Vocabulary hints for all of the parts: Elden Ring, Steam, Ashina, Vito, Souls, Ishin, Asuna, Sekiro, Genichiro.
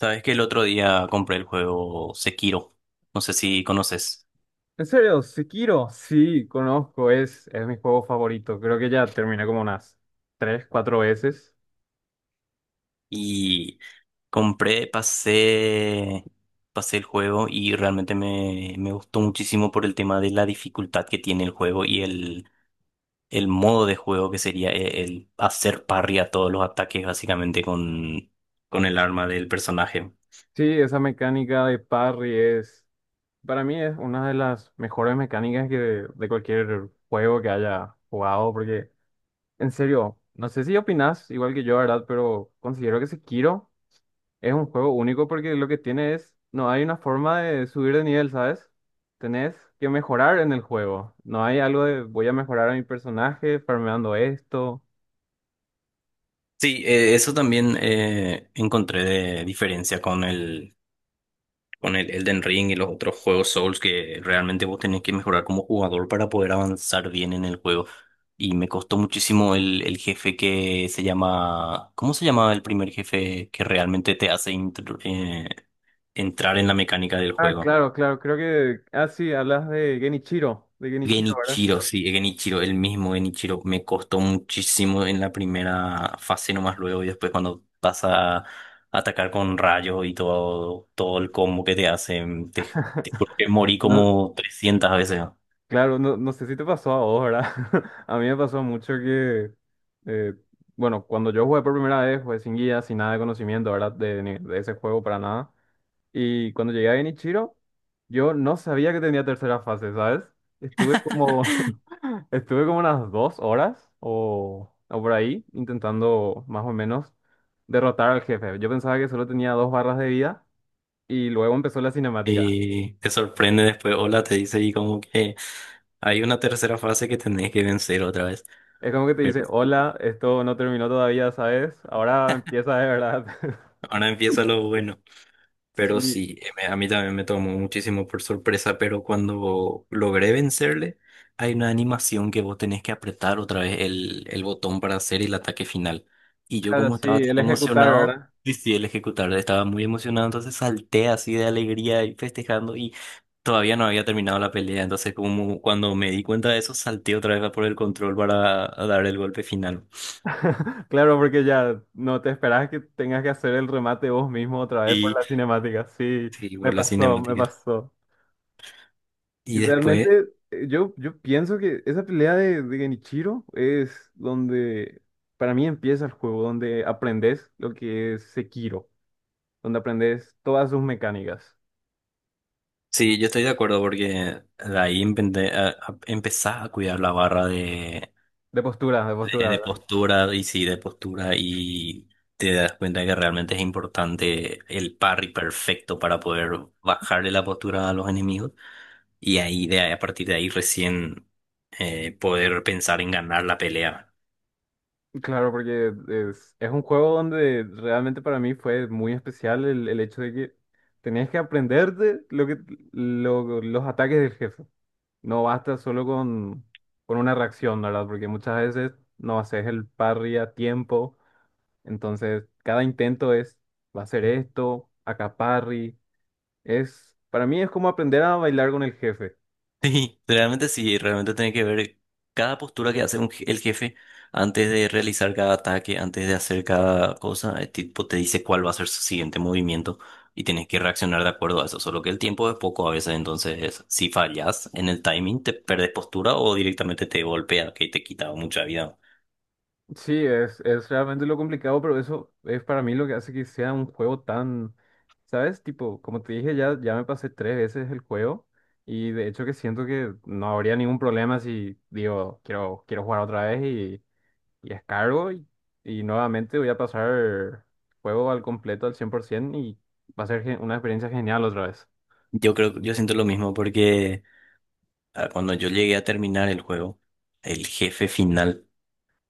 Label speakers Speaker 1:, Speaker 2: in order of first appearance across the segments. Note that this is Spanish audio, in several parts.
Speaker 1: Sabes que el otro día compré el juego Sekiro, no sé si conoces,
Speaker 2: ¿En serio? ¿Sekiro? Sí, conozco, es mi juego favorito. Creo que ya terminé como unas tres, cuatro veces.
Speaker 1: y compré, pasé, pasé el juego y realmente me gustó muchísimo por el tema de la dificultad que tiene el juego y el modo de juego que sería el hacer parry a todos los ataques básicamente con el arma del personaje.
Speaker 2: Sí, esa mecánica de parry es, para mí es una de las mejores mecánicas que de cualquier juego que haya jugado, porque en serio, no sé si opinas igual que yo, ¿verdad? Pero considero que Sekiro es un juego único porque lo que tiene es, no hay una forma de subir de nivel, ¿sabes? Tenés que mejorar en el juego. No hay algo de voy a mejorar a mi personaje farmeando esto.
Speaker 1: Sí, eso también encontré de diferencia con el Elden Ring y los otros juegos Souls, que realmente vos tenés que mejorar como jugador para poder avanzar bien en el juego. Y me costó muchísimo el jefe que se llama… ¿Cómo se llama el primer jefe que realmente te hace entrar en la mecánica del
Speaker 2: Ah,
Speaker 1: juego?
Speaker 2: claro, claro, creo que, ah, sí, hablas de Genichiro, ¿verdad?
Speaker 1: Genichiro, sí, Genichiro, el mismo Genichiro. Me costó muchísimo en la primera fase nomás luego, y después cuando pasa a atacar con rayos y todo, todo el combo que te hacen, te juro que morí
Speaker 2: No,
Speaker 1: como 300 veces.
Speaker 2: claro, no, no sé si te pasó a vos, ¿verdad? A mí me pasó mucho que, eh, bueno, cuando yo jugué por primera vez, jugué sin guía, sin nada de conocimiento, ¿verdad? De, de ese juego para nada. Y cuando llegué a Genichiro, yo no sabía que tenía tercera fase, ¿sabes? Estuve como, estuve como unas dos horas o por ahí intentando más o menos derrotar al jefe. Yo pensaba que solo tenía dos barras de vida y luego empezó la cinemática.
Speaker 1: Y te sorprende después, hola, te dice, y como que hay una tercera fase que tenés que vencer otra vez.
Speaker 2: Es como que te
Speaker 1: Pero
Speaker 2: dice,
Speaker 1: sí,
Speaker 2: hola, esto no terminó todavía, ¿sabes? Ahora empieza de verdad.
Speaker 1: ahora empieza lo bueno. Pero
Speaker 2: Sí,
Speaker 1: sí, a mí también me tomó muchísimo por sorpresa, pero cuando logré vencerle, hay una animación que vos tenés que apretar otra vez el botón para hacer el ataque final. Y yo,
Speaker 2: claro,
Speaker 1: como
Speaker 2: sí,
Speaker 1: estaba tan
Speaker 2: el ejecutar,
Speaker 1: emocionado,
Speaker 2: ¿verdad?
Speaker 1: decidí el ejecutar, estaba muy emocionado, entonces salté así de alegría y festejando, y todavía no había terminado la pelea, entonces como cuando me di cuenta de eso, salté otra vez a por el control para dar el golpe final.
Speaker 2: Claro, porque ya no te esperas que tengas que hacer el remate vos mismo otra vez por
Speaker 1: Y
Speaker 2: la cinemática. Sí,
Speaker 1: sí,
Speaker 2: me
Speaker 1: por la
Speaker 2: pasó, me
Speaker 1: cinemática.
Speaker 2: pasó. Y
Speaker 1: Y después…
Speaker 2: realmente yo pienso que esa pelea de Genichiro es donde para mí empieza el juego, donde aprendes lo que es Sekiro, donde aprendes todas sus mecánicas.
Speaker 1: Sí, yo estoy de acuerdo porque de ahí empezás a cuidar la barra
Speaker 2: De postura, de postura.
Speaker 1: de postura. Y sí, de postura, y te das cuenta que realmente es importante el parry perfecto para poder bajarle la postura a los enemigos, y ahí a partir de ahí recién poder pensar en ganar la pelea.
Speaker 2: Claro, porque es un juego donde realmente para mí fue muy especial el hecho de que tenías que aprenderte lo que, los ataques del jefe. No basta solo con una reacción, ¿verdad? Porque muchas veces no haces el parry a tiempo. Entonces, cada intento es, va a ser esto, acá parry. Es, para mí es como aprender a bailar con el jefe.
Speaker 1: Sí, realmente tiene que ver cada postura que hace el jefe antes de realizar cada ataque, antes de hacer cada cosa. El tipo te dice cuál va a ser su siguiente movimiento, y tienes que reaccionar de acuerdo a eso, solo que el tiempo es poco a veces, entonces si fallas en el timing te perdes postura o directamente te golpea, que te quita mucha vida.
Speaker 2: Sí, es realmente lo complicado, pero eso es para mí lo que hace que sea un juego tan, ¿sabes? Tipo, como te dije, ya, ya me pasé tres veces el juego y de hecho que siento que no habría ningún problema si digo, quiero, quiero jugar otra vez y descargo y nuevamente voy a pasar el juego al completo, al 100% y va a ser una experiencia genial otra vez.
Speaker 1: Yo creo, yo siento lo mismo porque, ah, cuando yo llegué a terminar el juego, el jefe final…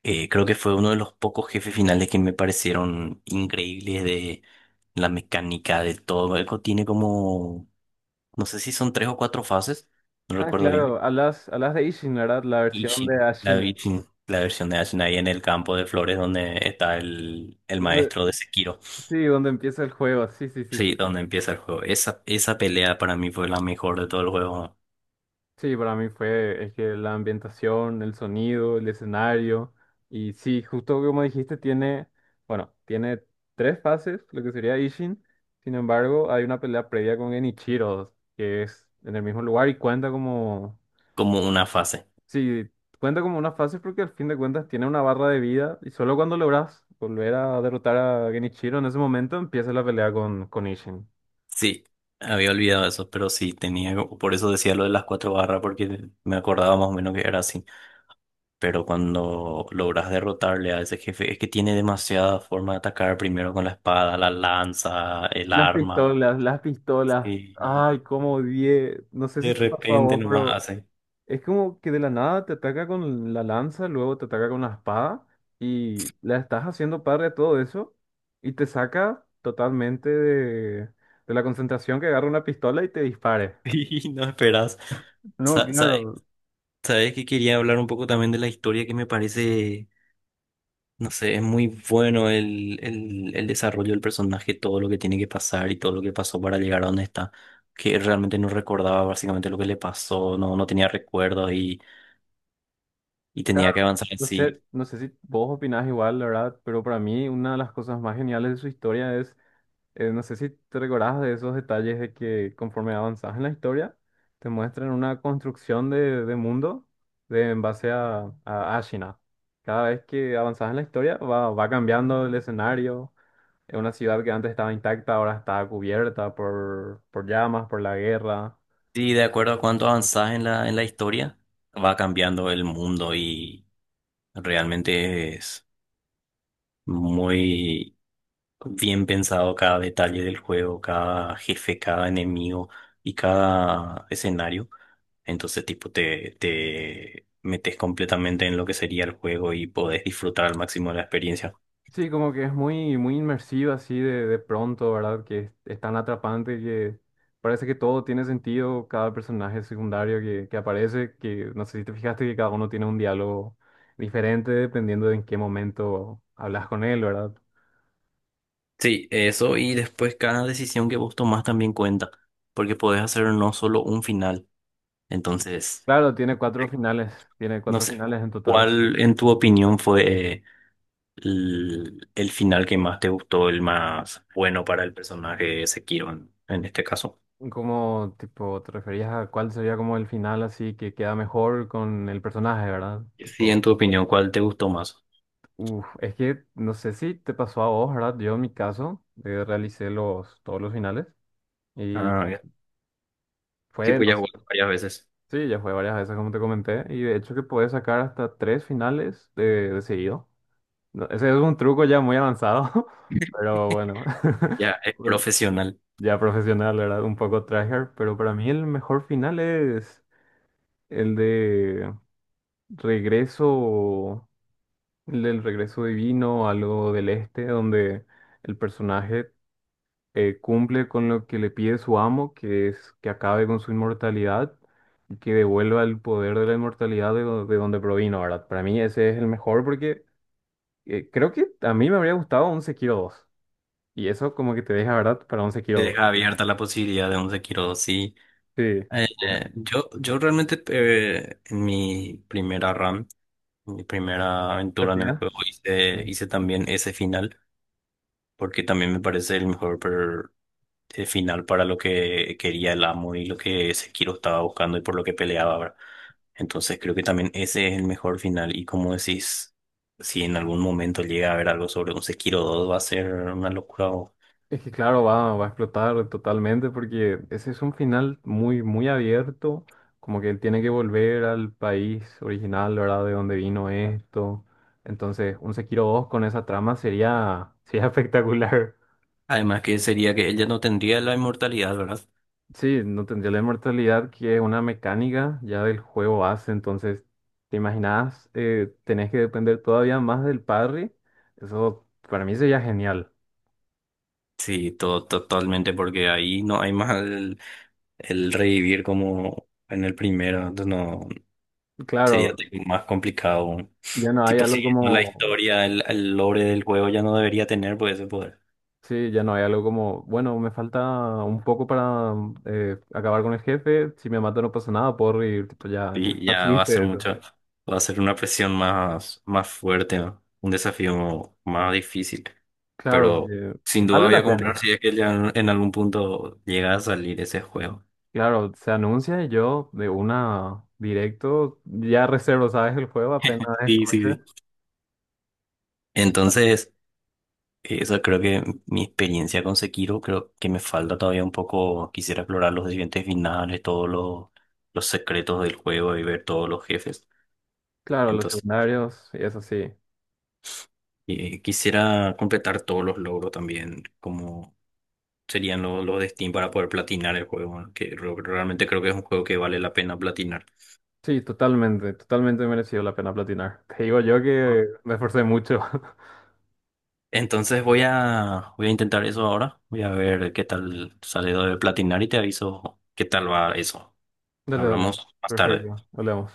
Speaker 1: Creo que fue uno de los pocos jefes finales que me parecieron increíbles, de la mecánica, de todo. Eco tiene como, no sé si son tres o cuatro fases, no
Speaker 2: Ah,
Speaker 1: recuerdo bien.
Speaker 2: claro, hablas, hablas de Ishin, ¿verdad? La
Speaker 1: Y
Speaker 2: versión
Speaker 1: sí,
Speaker 2: de Ashina.
Speaker 1: sí, la versión de Asuna ahí en el campo de flores donde está el
Speaker 2: Donde-
Speaker 1: maestro de Sekiro.
Speaker 2: Sí, donde empieza el juego, sí, sí, sí,
Speaker 1: Sí,
Speaker 2: sí.
Speaker 1: donde empieza el juego. Esa pelea para mí fue la mejor de todo el juego,
Speaker 2: Sí, para mí fue, es que la ambientación, el sonido, el escenario, y sí, justo como dijiste, tiene, bueno, tiene tres fases, lo que sería Ishin, sin embargo, hay una pelea previa con Genichiro, que es en el mismo lugar y cuenta como,
Speaker 1: como una fase.
Speaker 2: sí, cuenta como una fase porque al fin de cuentas tiene una barra de vida y solo cuando logras volver a derrotar a Genichiro en ese momento empieza la pelea con Ishin.
Speaker 1: Sí, había olvidado eso, pero sí, tenía, por eso decía lo de las cuatro barras, porque me acordaba más o menos que era así. Pero cuando logras derrotarle a ese jefe, es que tiene demasiada forma de atacar, primero con la espada, la lanza, el arma.
Speaker 2: Las pistolas,
Speaker 1: Y
Speaker 2: ay, cómo odié, no sé
Speaker 1: de
Speaker 2: si te pasó a
Speaker 1: repente
Speaker 2: vos,
Speaker 1: nomás
Speaker 2: pero...
Speaker 1: hace.
Speaker 2: Es como que de la nada te ataca con la lanza, luego te ataca con la espada y la estás haciendo padre a todo eso y te saca totalmente de la concentración que agarra una pistola y te dispare.
Speaker 1: Y no esperas.
Speaker 2: No,
Speaker 1: Sa- sabe-
Speaker 2: claro,
Speaker 1: Sabes que quería hablar un poco también de la historia, que me parece, no sé, es muy bueno el desarrollo del personaje, todo lo que tiene que pasar y todo lo que pasó para llegar a donde está, que realmente no recordaba básicamente lo que le pasó, no tenía recuerdos, y
Speaker 2: claro.
Speaker 1: tenía que avanzar
Speaker 2: No
Speaker 1: así.
Speaker 2: sé, no sé si vos opinás igual, la verdad, pero para mí una de las cosas más geniales de su historia es no sé si te recordabas de esos detalles de que conforme avanzas en la historia, te muestran una construcción de mundo de, en base a Ashina. Cada vez que avanzas en la historia va, va cambiando el escenario. Es una ciudad que antes estaba intacta, ahora está cubierta por llamas, por la guerra.
Speaker 1: Sí, de acuerdo a cuánto avanzás en la historia, va cambiando el mundo, y realmente es muy bien pensado cada detalle del juego, cada jefe, cada enemigo y cada escenario. Entonces, tipo, te metes completamente en lo que sería el juego, y podés disfrutar al máximo de la experiencia.
Speaker 2: Sí, como que es muy, muy inmersiva así de pronto, ¿verdad? Que es tan atrapante que parece que todo tiene sentido, cada personaje secundario que aparece, que no sé si te fijaste que cada uno tiene un diálogo diferente dependiendo de en qué momento hablas con él, ¿verdad?
Speaker 1: Sí, eso, y después cada decisión que vos tomás también cuenta, porque podés hacer no solo un final. Entonces…
Speaker 2: Claro, tiene
Speaker 1: No
Speaker 2: cuatro
Speaker 1: sé,
Speaker 2: finales en total.
Speaker 1: ¿cuál en tu opinión fue, el final que más te gustó, el más bueno para el personaje de Sekiro en este caso?
Speaker 2: ¿Cómo, tipo, te referías a cuál sería como el final así que queda mejor con el personaje, ¿verdad?
Speaker 1: Sí, en
Speaker 2: Tipo...
Speaker 1: tu opinión, ¿cuál te gustó más?
Speaker 2: Uf, es que no sé si te pasó a vos, ¿verdad? Yo en mi caso realicé los, todos los finales y
Speaker 1: Ah, ya. Sí,
Speaker 2: fue, no
Speaker 1: pues ya jugó varias veces.
Speaker 2: sé, sí, ya fue varias veces como te comenté y de hecho que puedes sacar hasta tres finales de seguido. No, ese es un truco ya muy avanzado, pero bueno,
Speaker 1: Ya es
Speaker 2: el-
Speaker 1: profesional.
Speaker 2: ya profesional, ¿verdad? Un poco tryhard, pero para mí el mejor final es el de regreso, el del regreso divino, algo del este, donde el personaje cumple con lo que le pide su amo, que es que acabe con su inmortalidad y que devuelva el poder de la inmortalidad de, de donde provino, ¿verdad? Para mí ese es el mejor porque creo que a mí me habría gustado un Sekiro dos. Y eso como que te deja, ¿verdad? Para un
Speaker 1: Te
Speaker 2: Sekiro 2.
Speaker 1: deja abierta la posibilidad de un Sekiro dos. Sí,
Speaker 2: Sí.
Speaker 1: Eh,
Speaker 2: Deja-
Speaker 1: yo, yo realmente, en mi primera run, en mi primera aventura en el
Speaker 2: ¿Partida?
Speaker 1: juego, hice, hice también ese final, porque también me parece el mejor, el final para lo que quería el amo y lo que Sekiro estaba buscando y por lo que peleaba, ¿verdad? Entonces creo que también ese es el mejor final, y como decís, si en algún momento llega a haber algo sobre un Sekiro dos, va a ser una locura.
Speaker 2: Es que claro, va, va a explotar totalmente porque ese es un final muy, muy abierto, como que él tiene que volver al país original, ¿verdad? De donde vino esto. Entonces, un Sekiro dos con esa trama sería, sería espectacular.
Speaker 1: Además que sería que ella no tendría la inmortalidad, ¿verdad?
Speaker 2: Sí, no tendría la inmortalidad que es una mecánica ya del juego base, entonces, ¿te imaginas? Tenés que depender todavía más del parry. Eso para mí sería genial.
Speaker 1: Sí, totalmente, porque ahí no hay más el revivir como en el primero, entonces no
Speaker 2: Claro,
Speaker 1: sería tipo más complicado.
Speaker 2: ya no hay
Speaker 1: Tipo,
Speaker 2: algo
Speaker 1: siguiendo la
Speaker 2: como...
Speaker 1: historia, el lore del juego ya no debería tener, pues, ese poder.
Speaker 2: Sí, ya no hay algo como, bueno, me falta un poco para acabar con el jefe, si me mata no pasa nada, puedo reír, tipo, ya, ya
Speaker 1: Y
Speaker 2: está
Speaker 1: ya va a ser
Speaker 2: triste eso.
Speaker 1: mucho, va a ser una presión más, más fuerte, ¿no? Un desafío más difícil.
Speaker 2: Claro,
Speaker 1: Pero
Speaker 2: porque
Speaker 1: sin duda
Speaker 2: vale
Speaker 1: voy a
Speaker 2: la
Speaker 1: comprar
Speaker 2: pena.
Speaker 1: si es que ya en algún punto llega a salir ese juego.
Speaker 2: Claro, se anuncia y yo de una directo, ya reservo, ¿sabes? El juego apenas
Speaker 1: Sí, sí,
Speaker 2: escuche.
Speaker 1: sí. Entonces, eso creo que mi experiencia con Sekiro, creo que me falta todavía un poco. Quisiera explorar los siguientes finales, todos los secretos del juego y ver todos los jefes.
Speaker 2: Claro, los
Speaker 1: Entonces,
Speaker 2: secundarios y eso sí.
Speaker 1: quisiera completar todos los logros también, como serían los de Steam, para poder platinar el juego, ¿no? Que realmente creo que es un juego que vale la pena platinar.
Speaker 2: Sí, totalmente, totalmente merecido la pena platinar. Te digo yo
Speaker 1: Ah,
Speaker 2: que me esforcé mucho.
Speaker 1: entonces voy a, voy a intentar eso ahora, voy a ver qué tal sale lo de platinar y te aviso qué tal va eso.
Speaker 2: Dale, dale.
Speaker 1: Hablamos más tarde.
Speaker 2: Perfecto, hablemos.